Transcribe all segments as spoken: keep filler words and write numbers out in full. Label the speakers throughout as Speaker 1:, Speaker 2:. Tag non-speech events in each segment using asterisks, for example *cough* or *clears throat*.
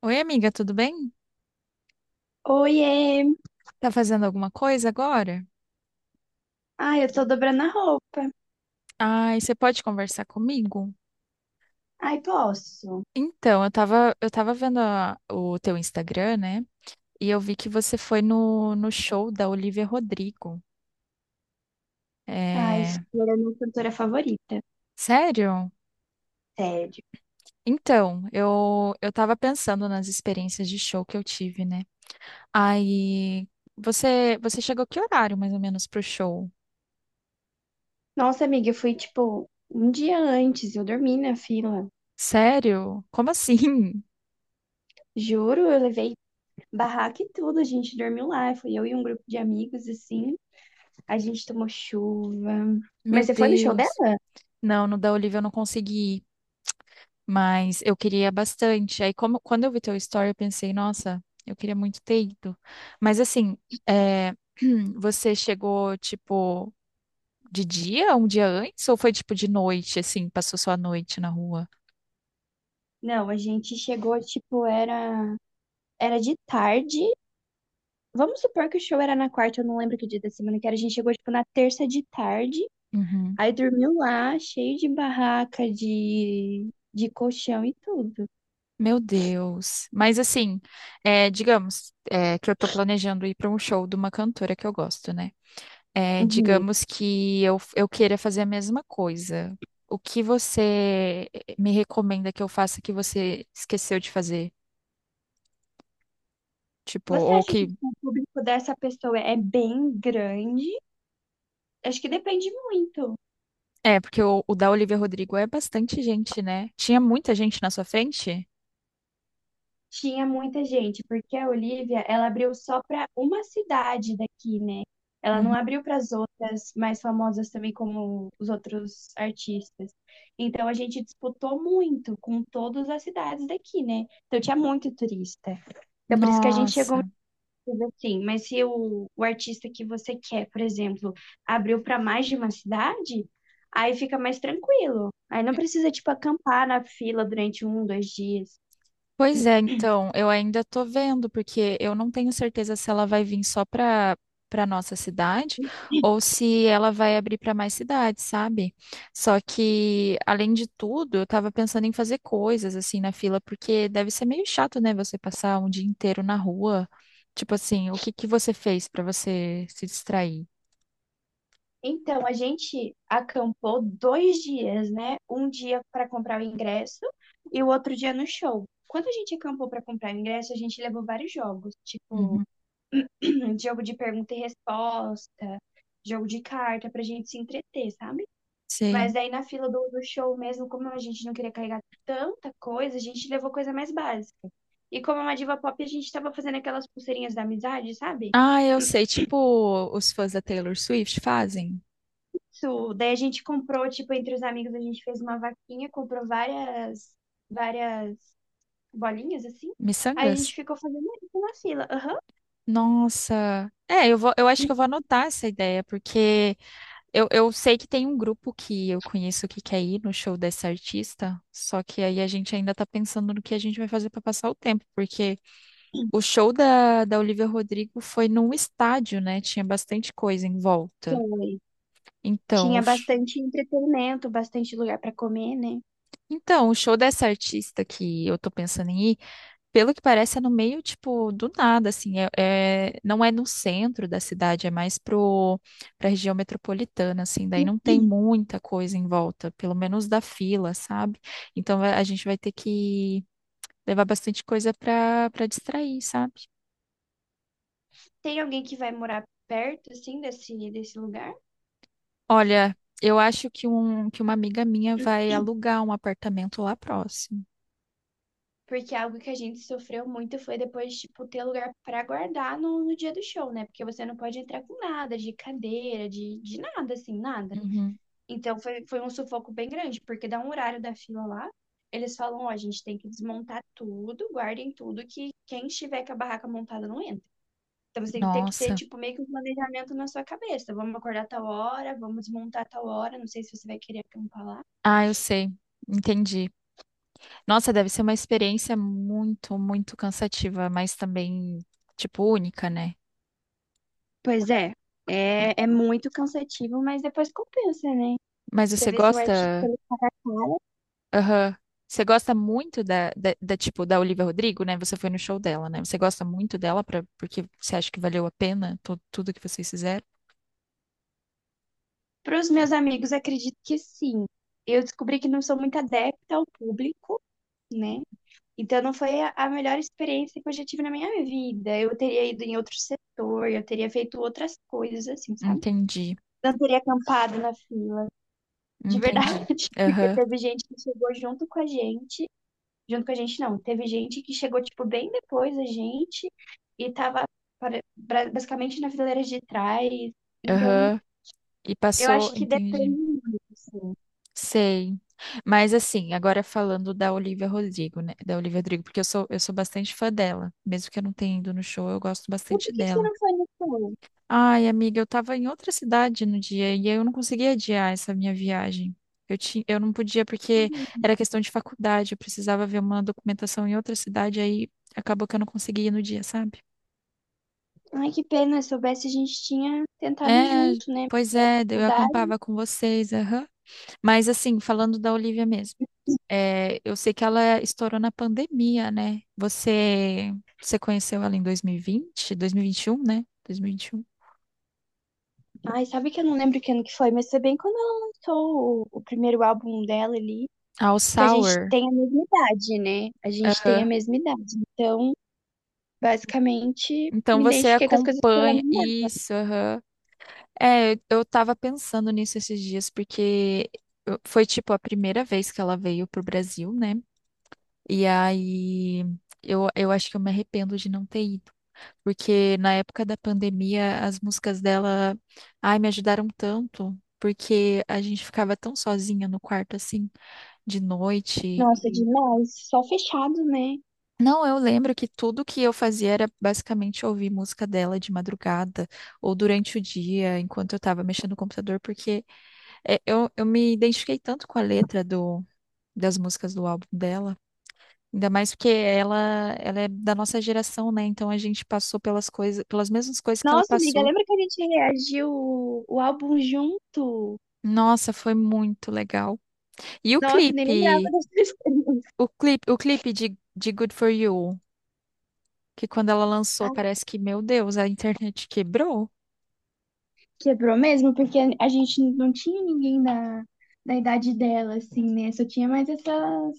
Speaker 1: Oi, amiga, tudo bem?
Speaker 2: Oiê!
Speaker 1: Tá fazendo alguma coisa agora?
Speaker 2: Ai, eu tô dobrando a roupa.
Speaker 1: Ai, você pode conversar comigo?
Speaker 2: Ai, posso?
Speaker 1: Então, eu tava, eu tava vendo a- o teu Instagram, né? E eu vi que você foi no, no show da Olivia Rodrigo.
Speaker 2: Ai,
Speaker 1: É.
Speaker 2: Flor é minha cantora favorita.
Speaker 1: Sério?
Speaker 2: Sério.
Speaker 1: Então, eu, eu tava pensando nas experiências de show que eu tive, né? Aí, você, você chegou que horário, mais ou menos, pro show?
Speaker 2: Nossa, amiga, eu fui tipo um dia antes, eu dormi na fila.
Speaker 1: Sério? Como assim?
Speaker 2: Juro, eu levei barraca e tudo, a gente dormiu lá. Fui eu e um grupo de amigos, assim. A gente tomou chuva.
Speaker 1: *laughs*
Speaker 2: Mas
Speaker 1: Meu
Speaker 2: você foi no show dela?
Speaker 1: Deus. Não, no da Olivia eu não consegui ir. Mas eu queria bastante. Aí, como, quando eu vi teu story, eu pensei, nossa, eu queria muito ter ido. Mas assim, é, *clears throat* você chegou, tipo, de dia, um dia antes, ou foi tipo de noite, assim, passou só a noite na rua?
Speaker 2: Não, a gente chegou, tipo, era, era de tarde. Vamos supor que o show era na quarta, eu não lembro que dia da semana que era. A gente chegou, tipo, na terça de tarde.
Speaker 1: Uhum.
Speaker 2: Aí dormiu lá, cheio de barraca, de, de colchão e tudo.
Speaker 1: Meu Deus. Mas assim, é, digamos, é, que eu tô planejando ir para um show de uma cantora que eu gosto, né? É,
Speaker 2: Uhum.
Speaker 1: digamos que eu, eu queira fazer a mesma coisa. O que você me recomenda que eu faça que você esqueceu de fazer? Tipo,
Speaker 2: Você
Speaker 1: ou
Speaker 2: acha que
Speaker 1: que.
Speaker 2: o público dessa pessoa é bem grande? Acho que depende muito.
Speaker 1: É, porque o, o da Olivia Rodrigo é bastante gente, né? Tinha muita gente na sua frente?
Speaker 2: Tinha muita gente, porque a Olivia, ela abriu só para uma cidade daqui, né? Ela não
Speaker 1: Uhum.
Speaker 2: abriu para as outras mais famosas também, como os outros artistas. Então a gente disputou muito com todas as cidades daqui, né? Então tinha muito turista. Então por isso que a gente chegou.
Speaker 1: Nossa.
Speaker 2: Sim, mas se o, o artista que você quer, por exemplo, abriu para mais de uma cidade, aí fica mais tranquilo. Aí não precisa, tipo, acampar na fila durante um, dois dias.
Speaker 1: Pois é, então, eu ainda tô vendo, porque eu não tenho certeza se ela vai vir só para para nossa cidade ou se ela vai abrir para mais cidades, sabe? Só que, além de tudo, eu tava pensando em fazer coisas assim na fila, porque deve ser meio chato, né, você passar um dia inteiro na rua. Tipo assim, o que que você fez para você se distrair?
Speaker 2: Então, a gente acampou dois dias, né? Um dia para comprar o ingresso e o outro dia no show. Quando a gente acampou para comprar o ingresso, a gente levou vários jogos, tipo,
Speaker 1: Uhum.
Speaker 2: *clears throat* jogo de pergunta e resposta, jogo de carta, pra gente se entreter, sabe? Mas
Speaker 1: Sei.
Speaker 2: daí na fila do, do show mesmo, como a gente não queria carregar tanta coisa, a gente levou coisa mais básica. E como é uma diva pop, a gente tava fazendo aquelas pulseirinhas da amizade, sabe?
Speaker 1: Ah, eu sei, tipo, os fãs da Taylor Swift fazem
Speaker 2: Isso. Daí a gente comprou, tipo, entre os amigos, a gente fez uma vaquinha, comprou várias, várias bolinhas, assim. Aí a
Speaker 1: miçangas?
Speaker 2: gente ficou fazendo isso na fila. Aham.
Speaker 1: Nossa. É, eu vou, eu acho que eu vou anotar essa ideia, porque eu, eu sei que tem um grupo que eu conheço que quer ir no show dessa artista, só que aí a gente ainda tá pensando no que a gente vai fazer pra passar o tempo, porque o show da, da Olivia Rodrigo foi num estádio, né? Tinha bastante coisa em volta.
Speaker 2: Foi.
Speaker 1: Então,
Speaker 2: Tinha
Speaker 1: o, sh-
Speaker 2: bastante entretenimento, bastante lugar pra comer, né?
Speaker 1: então, o show dessa artista que eu tô pensando em ir. Pelo que parece, é no meio, tipo, do nada, assim, é, é- não é no centro da cidade, é mais pro, pra região metropolitana, assim, daí não tem
Speaker 2: *clears throat*
Speaker 1: muita coisa em volta, pelo menos da fila, sabe? Então vai- a gente vai ter que levar bastante coisa pra, pra distrair, sabe?
Speaker 2: Tem alguém que vai morar perto, assim, desse, desse lugar?
Speaker 1: Olha, eu acho que, um, que uma amiga minha vai alugar um apartamento lá próximo.
Speaker 2: Porque algo que a gente sofreu muito foi depois, tipo, ter lugar pra guardar no, no dia do show, né? Porque você não pode entrar com nada, de cadeira, de, de nada, assim, nada.
Speaker 1: Uhum.
Speaker 2: Então foi, foi um sufoco bem grande, porque dá um horário da fila lá, eles falam, ó, a gente tem que desmontar tudo, guardem tudo, que quem estiver com a barraca montada não entra. Então você tem que ter, que ter,
Speaker 1: Nossa,
Speaker 2: tipo, meio que um planejamento na sua cabeça. Vamos acordar tal hora, vamos desmontar tal hora, não sei se você vai querer acampar lá.
Speaker 1: ah, eu sei, entendi. Nossa, deve ser uma experiência muito, muito cansativa, mas também, tipo, única, né?
Speaker 2: Pois é, é, é muito cansativo, mas depois compensa, né?
Speaker 1: Mas
Speaker 2: Você
Speaker 1: você
Speaker 2: vê se o artista é
Speaker 1: gosta,
Speaker 2: caro.
Speaker 1: aham, Você gosta muito da, da, da, tipo, da Olivia Rodrigo, né? Você foi no show dela, né? Você gosta muito dela pra, porque você acha que valeu a pena tu- tudo que vocês fizeram?
Speaker 2: Para os meus amigos, acredito que sim. Eu descobri que não sou muito adepta ao público, né? Então não foi a a melhor experiência que eu já tive na minha vida. Eu teria ido em outro setor, eu teria feito outras coisas, assim, sabe?
Speaker 1: Entendi,
Speaker 2: Não teria acampado na fila, de
Speaker 1: entendi.
Speaker 2: verdade. *laughs* Porque
Speaker 1: Aham,
Speaker 2: teve gente que chegou junto com a gente. Junto com a gente, não. Teve gente que chegou, tipo, bem depois da gente e tava para- bra- basicamente na fileira de trás. Então,
Speaker 1: aham. E
Speaker 2: eu
Speaker 1: passou,
Speaker 2: acho que depende
Speaker 1: entendi.
Speaker 2: muito, assim.
Speaker 1: Sei. Mas assim, agora falando da Olivia Rodrigo, né? Da Olivia Rodrigo, porque eu sou, eu sou bastante fã dela. Mesmo que eu não tenha ido no show, eu gosto
Speaker 2: E
Speaker 1: bastante
Speaker 2: por que que você
Speaker 1: dela.
Speaker 2: não foi no show?
Speaker 1: Ai, amiga, eu tava em outra cidade no dia e eu não conseguia adiar essa minha viagem. Eu tinha, eu não podia porque era questão de faculdade, eu precisava ver uma documentação em outra cidade, aí acabou que eu não conseguia ir no dia, sabe?
Speaker 2: Ai, que pena. Se soubesse, a gente tinha tentado ir
Speaker 1: É,
Speaker 2: junto, né?
Speaker 1: pois é, daí eu
Speaker 2: Faculdade.
Speaker 1: acampava com vocês, aham. Mas assim, falando da Olivia mesmo. É, eu sei que ela estourou na pandemia, né? Você, você conheceu ela em dois mil e vinte, dois mil e vinte e um, né? dois mil e vinte e um.
Speaker 2: Ai, sabe que eu não lembro que ano que foi, mas foi bem quando ela lançou o, o primeiro álbum dela ali.
Speaker 1: All
Speaker 2: Que a gente
Speaker 1: Sour.
Speaker 2: tem a mesma idade, né? A gente tem a
Speaker 1: Aham.
Speaker 2: mesma idade. Então, basicamente,
Speaker 1: Então
Speaker 2: me
Speaker 1: você
Speaker 2: identifiquei com as coisas que ela me
Speaker 1: acompanha
Speaker 2: deu.
Speaker 1: isso, aham. É, eu tava pensando nisso esses dias, porque eu- foi tipo a primeira vez que ela veio pro Brasil, né? E aí eu, eu acho que eu me arrependo de não ter ido. Porque na época da pandemia, as músicas dela, ai, me ajudaram tanto, porque a gente ficava tão sozinha no quarto, assim, de noite.
Speaker 2: Nossa,
Speaker 1: e-
Speaker 2: demais. Só fechado, né?
Speaker 1: Não, eu lembro que tudo que eu fazia era basicamente ouvir música dela de madrugada ou durante o dia, enquanto eu tava mexendo no computador, porque é, eu, eu me identifiquei tanto com a letra do, das músicas do álbum dela. Ainda mais porque ela, ela é da nossa geração, né? Então a gente passou pelas coisas, pelas mesmas coisas que ela
Speaker 2: Nossa, amiga,
Speaker 1: passou.
Speaker 2: lembra que a gente reagiu o, o álbum junto?
Speaker 1: Nossa, foi muito legal. E o
Speaker 2: Nossa, nem lembrava
Speaker 1: clipe,
Speaker 2: dessa.
Speaker 1: o clipe, o clipe de, de Good For You, que quando ela
Speaker 2: *laughs*
Speaker 1: lançou,
Speaker 2: Ah,
Speaker 1: parece que, meu Deus, a internet quebrou.
Speaker 2: quebrou mesmo, porque a gente não tinha ninguém da, da idade dela, assim, né? Só tinha mais essas,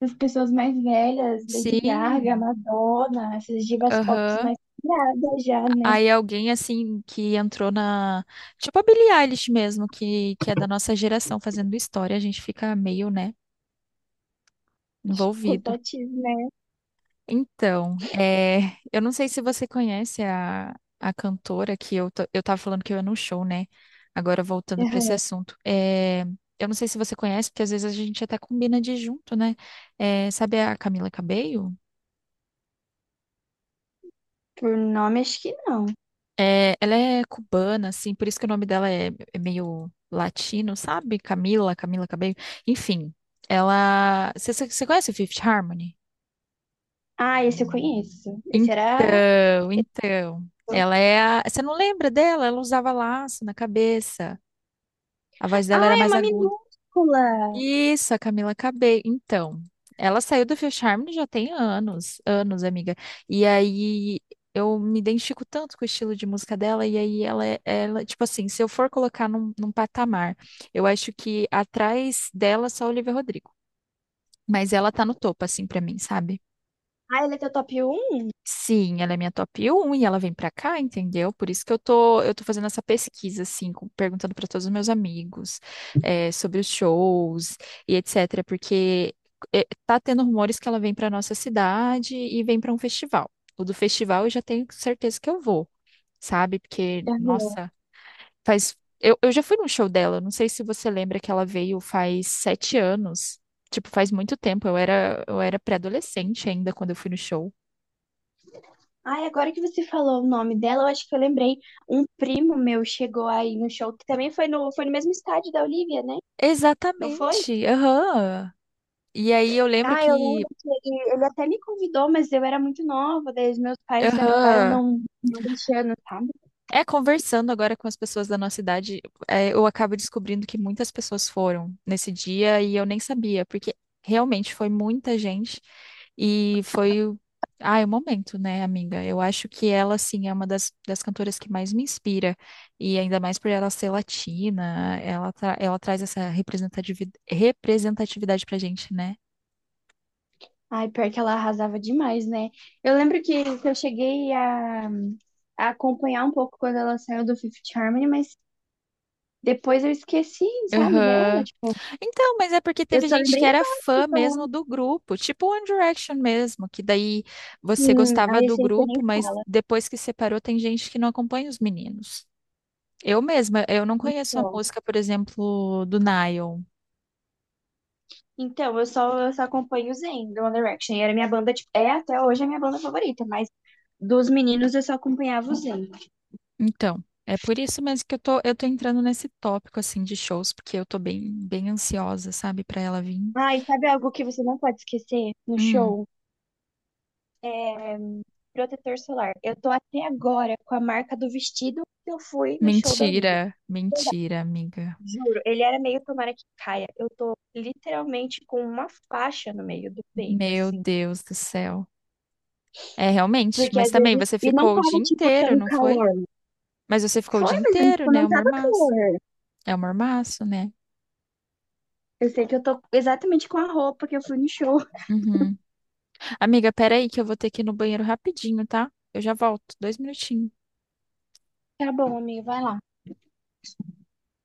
Speaker 2: essas pessoas mais velhas, Lady Gaga,
Speaker 1: Sim,
Speaker 2: Madonna, essas divas pop
Speaker 1: aham.
Speaker 2: mais criadas já, né?
Speaker 1: Aí alguém assim que entrou na, tipo a Billie Eilish mesmo, que que é da nossa geração fazendo história, a gente fica meio, né, envolvido.
Speaker 2: Pesativas, né?
Speaker 1: Então, é, eu não sei se você conhece a, a cantora que eu, ta- eu tava falando que eu ia no show, né? Agora voltando para esse
Speaker 2: Aham.
Speaker 1: assunto. É, eu não sei se você conhece, porque às vezes a gente até combina de ir junto, né? É, sabe a Camila Cabello?
Speaker 2: Por nome, acho que não.
Speaker 1: É, ela é cubana, assim, por isso que o nome dela é, é meio latino, sabe? Camila, Camila Cabello. Enfim, ela. Você você- você conhece o Fifth Harmony?
Speaker 2: Ah, esse eu conheço. Esse era.
Speaker 1: Então, então, ela é a. Você não lembra dela? Ela usava laço na cabeça. A voz dela era
Speaker 2: Ah, é
Speaker 1: mais
Speaker 2: uma
Speaker 1: aguda.
Speaker 2: minúscula!
Speaker 1: Isso, a Camila Cabello. Então, ela saiu do Fifth Harmony já tem anos, anos, amiga. E aí eu me identifico tanto com o estilo de música dela, e aí ela, é- ela tipo assim, se eu for colocar num, num patamar, eu acho que atrás dela só Olivia Rodrigo. Mas ela tá no topo, assim, pra mim, sabe?
Speaker 2: Ah, ela é teu top um.
Speaker 1: Sim, ela é minha top um e ela vem pra cá, entendeu? Por isso que eu tô, eu tô fazendo essa pesquisa, assim, com- perguntando pra todos os meus amigos, eh, sobre os shows e etcétera. Porque eh, tá tendo rumores que ela vem pra nossa cidade e vem pra um festival. O do festival eu já tenho certeza que eu vou, sabe? Porque,
Speaker 2: Aham.
Speaker 1: nossa, faz. Eu, eu já fui num show dela, não sei se você lembra que ela veio faz sete anos. Tipo, faz muito tempo, eu era, eu era pré-adolescente ainda quando eu fui no show.
Speaker 2: Ai, agora que você falou o nome dela, eu acho que eu lembrei. Um primo meu chegou aí no show, que também foi no, foi no mesmo estádio da Olivia, né? Não foi?
Speaker 1: Exatamente. Aham. E aí eu lembro
Speaker 2: Ah, eu
Speaker 1: que,
Speaker 2: lembro que ele, ele até me convidou, mas eu era muito nova, daí os meus pais acabaram
Speaker 1: aham,
Speaker 2: não, não deixando, sabe?
Speaker 1: é conversando agora com as pessoas da nossa idade, é, eu acabo descobrindo que muitas pessoas foram nesse dia e eu nem sabia, porque realmente foi muita gente e foi, o- ai, o momento, né, amiga? Eu acho que ela, assim, é uma das, das cantoras que mais me inspira e ainda mais por ela ser latina, ela, tra- ela traz essa representativi- representatividade pra gente, né?
Speaker 2: Ai, pior que ela arrasava demais, né? Eu lembro que, que eu cheguei a, a acompanhar um pouco quando ela saiu do Fifth Harmony, mas depois eu esqueci, sabe, dela,
Speaker 1: Aham.
Speaker 2: tipo,
Speaker 1: Então, mas é porque
Speaker 2: eu
Speaker 1: teve
Speaker 2: só
Speaker 1: gente
Speaker 2: lembrei
Speaker 1: que era
Speaker 2: agora,
Speaker 1: fã mesmo
Speaker 2: então,
Speaker 1: do grupo, tipo One Direction mesmo, que daí você
Speaker 2: assim,
Speaker 1: gostava
Speaker 2: a
Speaker 1: do
Speaker 2: essência nem
Speaker 1: grupo, mas
Speaker 2: fala,
Speaker 1: depois que separou tem gente que não acompanha os meninos. Eu mesma, eu não conheço a
Speaker 2: só.
Speaker 1: música, por exemplo, do Nile.
Speaker 2: Então, eu só, eu só acompanho o Zayn, do One Direction, e era minha banda, tipo, é até hoje a minha banda favorita, mas dos meninos eu só acompanhava o Zayn.
Speaker 1: Então, é por isso mesmo que eu tô, eu tô entrando nesse tópico assim de shows, porque eu tô bem, bem ansiosa, sabe, pra ela vir.
Speaker 2: Ai, sabe algo que você não pode esquecer no
Speaker 1: Hum,
Speaker 2: show? É protetor solar. Eu tô até agora com a marca do vestido que eu fui no show da Olivia.
Speaker 1: mentira, mentira, amiga.
Speaker 2: Juro, ele era meio tomara que caia. Eu tô literalmente com uma faixa no meio do peito,
Speaker 1: Meu
Speaker 2: assim.
Speaker 1: Deus do céu. É, realmente,
Speaker 2: Porque
Speaker 1: mas
Speaker 2: às
Speaker 1: também
Speaker 2: vezes.
Speaker 1: você
Speaker 2: E não
Speaker 1: ficou o dia
Speaker 2: tava, tipo,
Speaker 1: inteiro,
Speaker 2: tão
Speaker 1: não foi?
Speaker 2: calor.
Speaker 1: Mas você ficou o
Speaker 2: Foi,
Speaker 1: dia
Speaker 2: mas
Speaker 1: inteiro,
Speaker 2: tipo,
Speaker 1: né?
Speaker 2: não
Speaker 1: É um
Speaker 2: tava
Speaker 1: mormaço.
Speaker 2: calor.
Speaker 1: É um mormaço, né?
Speaker 2: Eu sei que eu tô exatamente com a roupa que eu fui no show.
Speaker 1: Uhum. Amiga, peraí que eu vou ter que ir no banheiro rapidinho, tá? Eu já volto. Dois minutinhos.
Speaker 2: Tá bom, amigo, vai lá.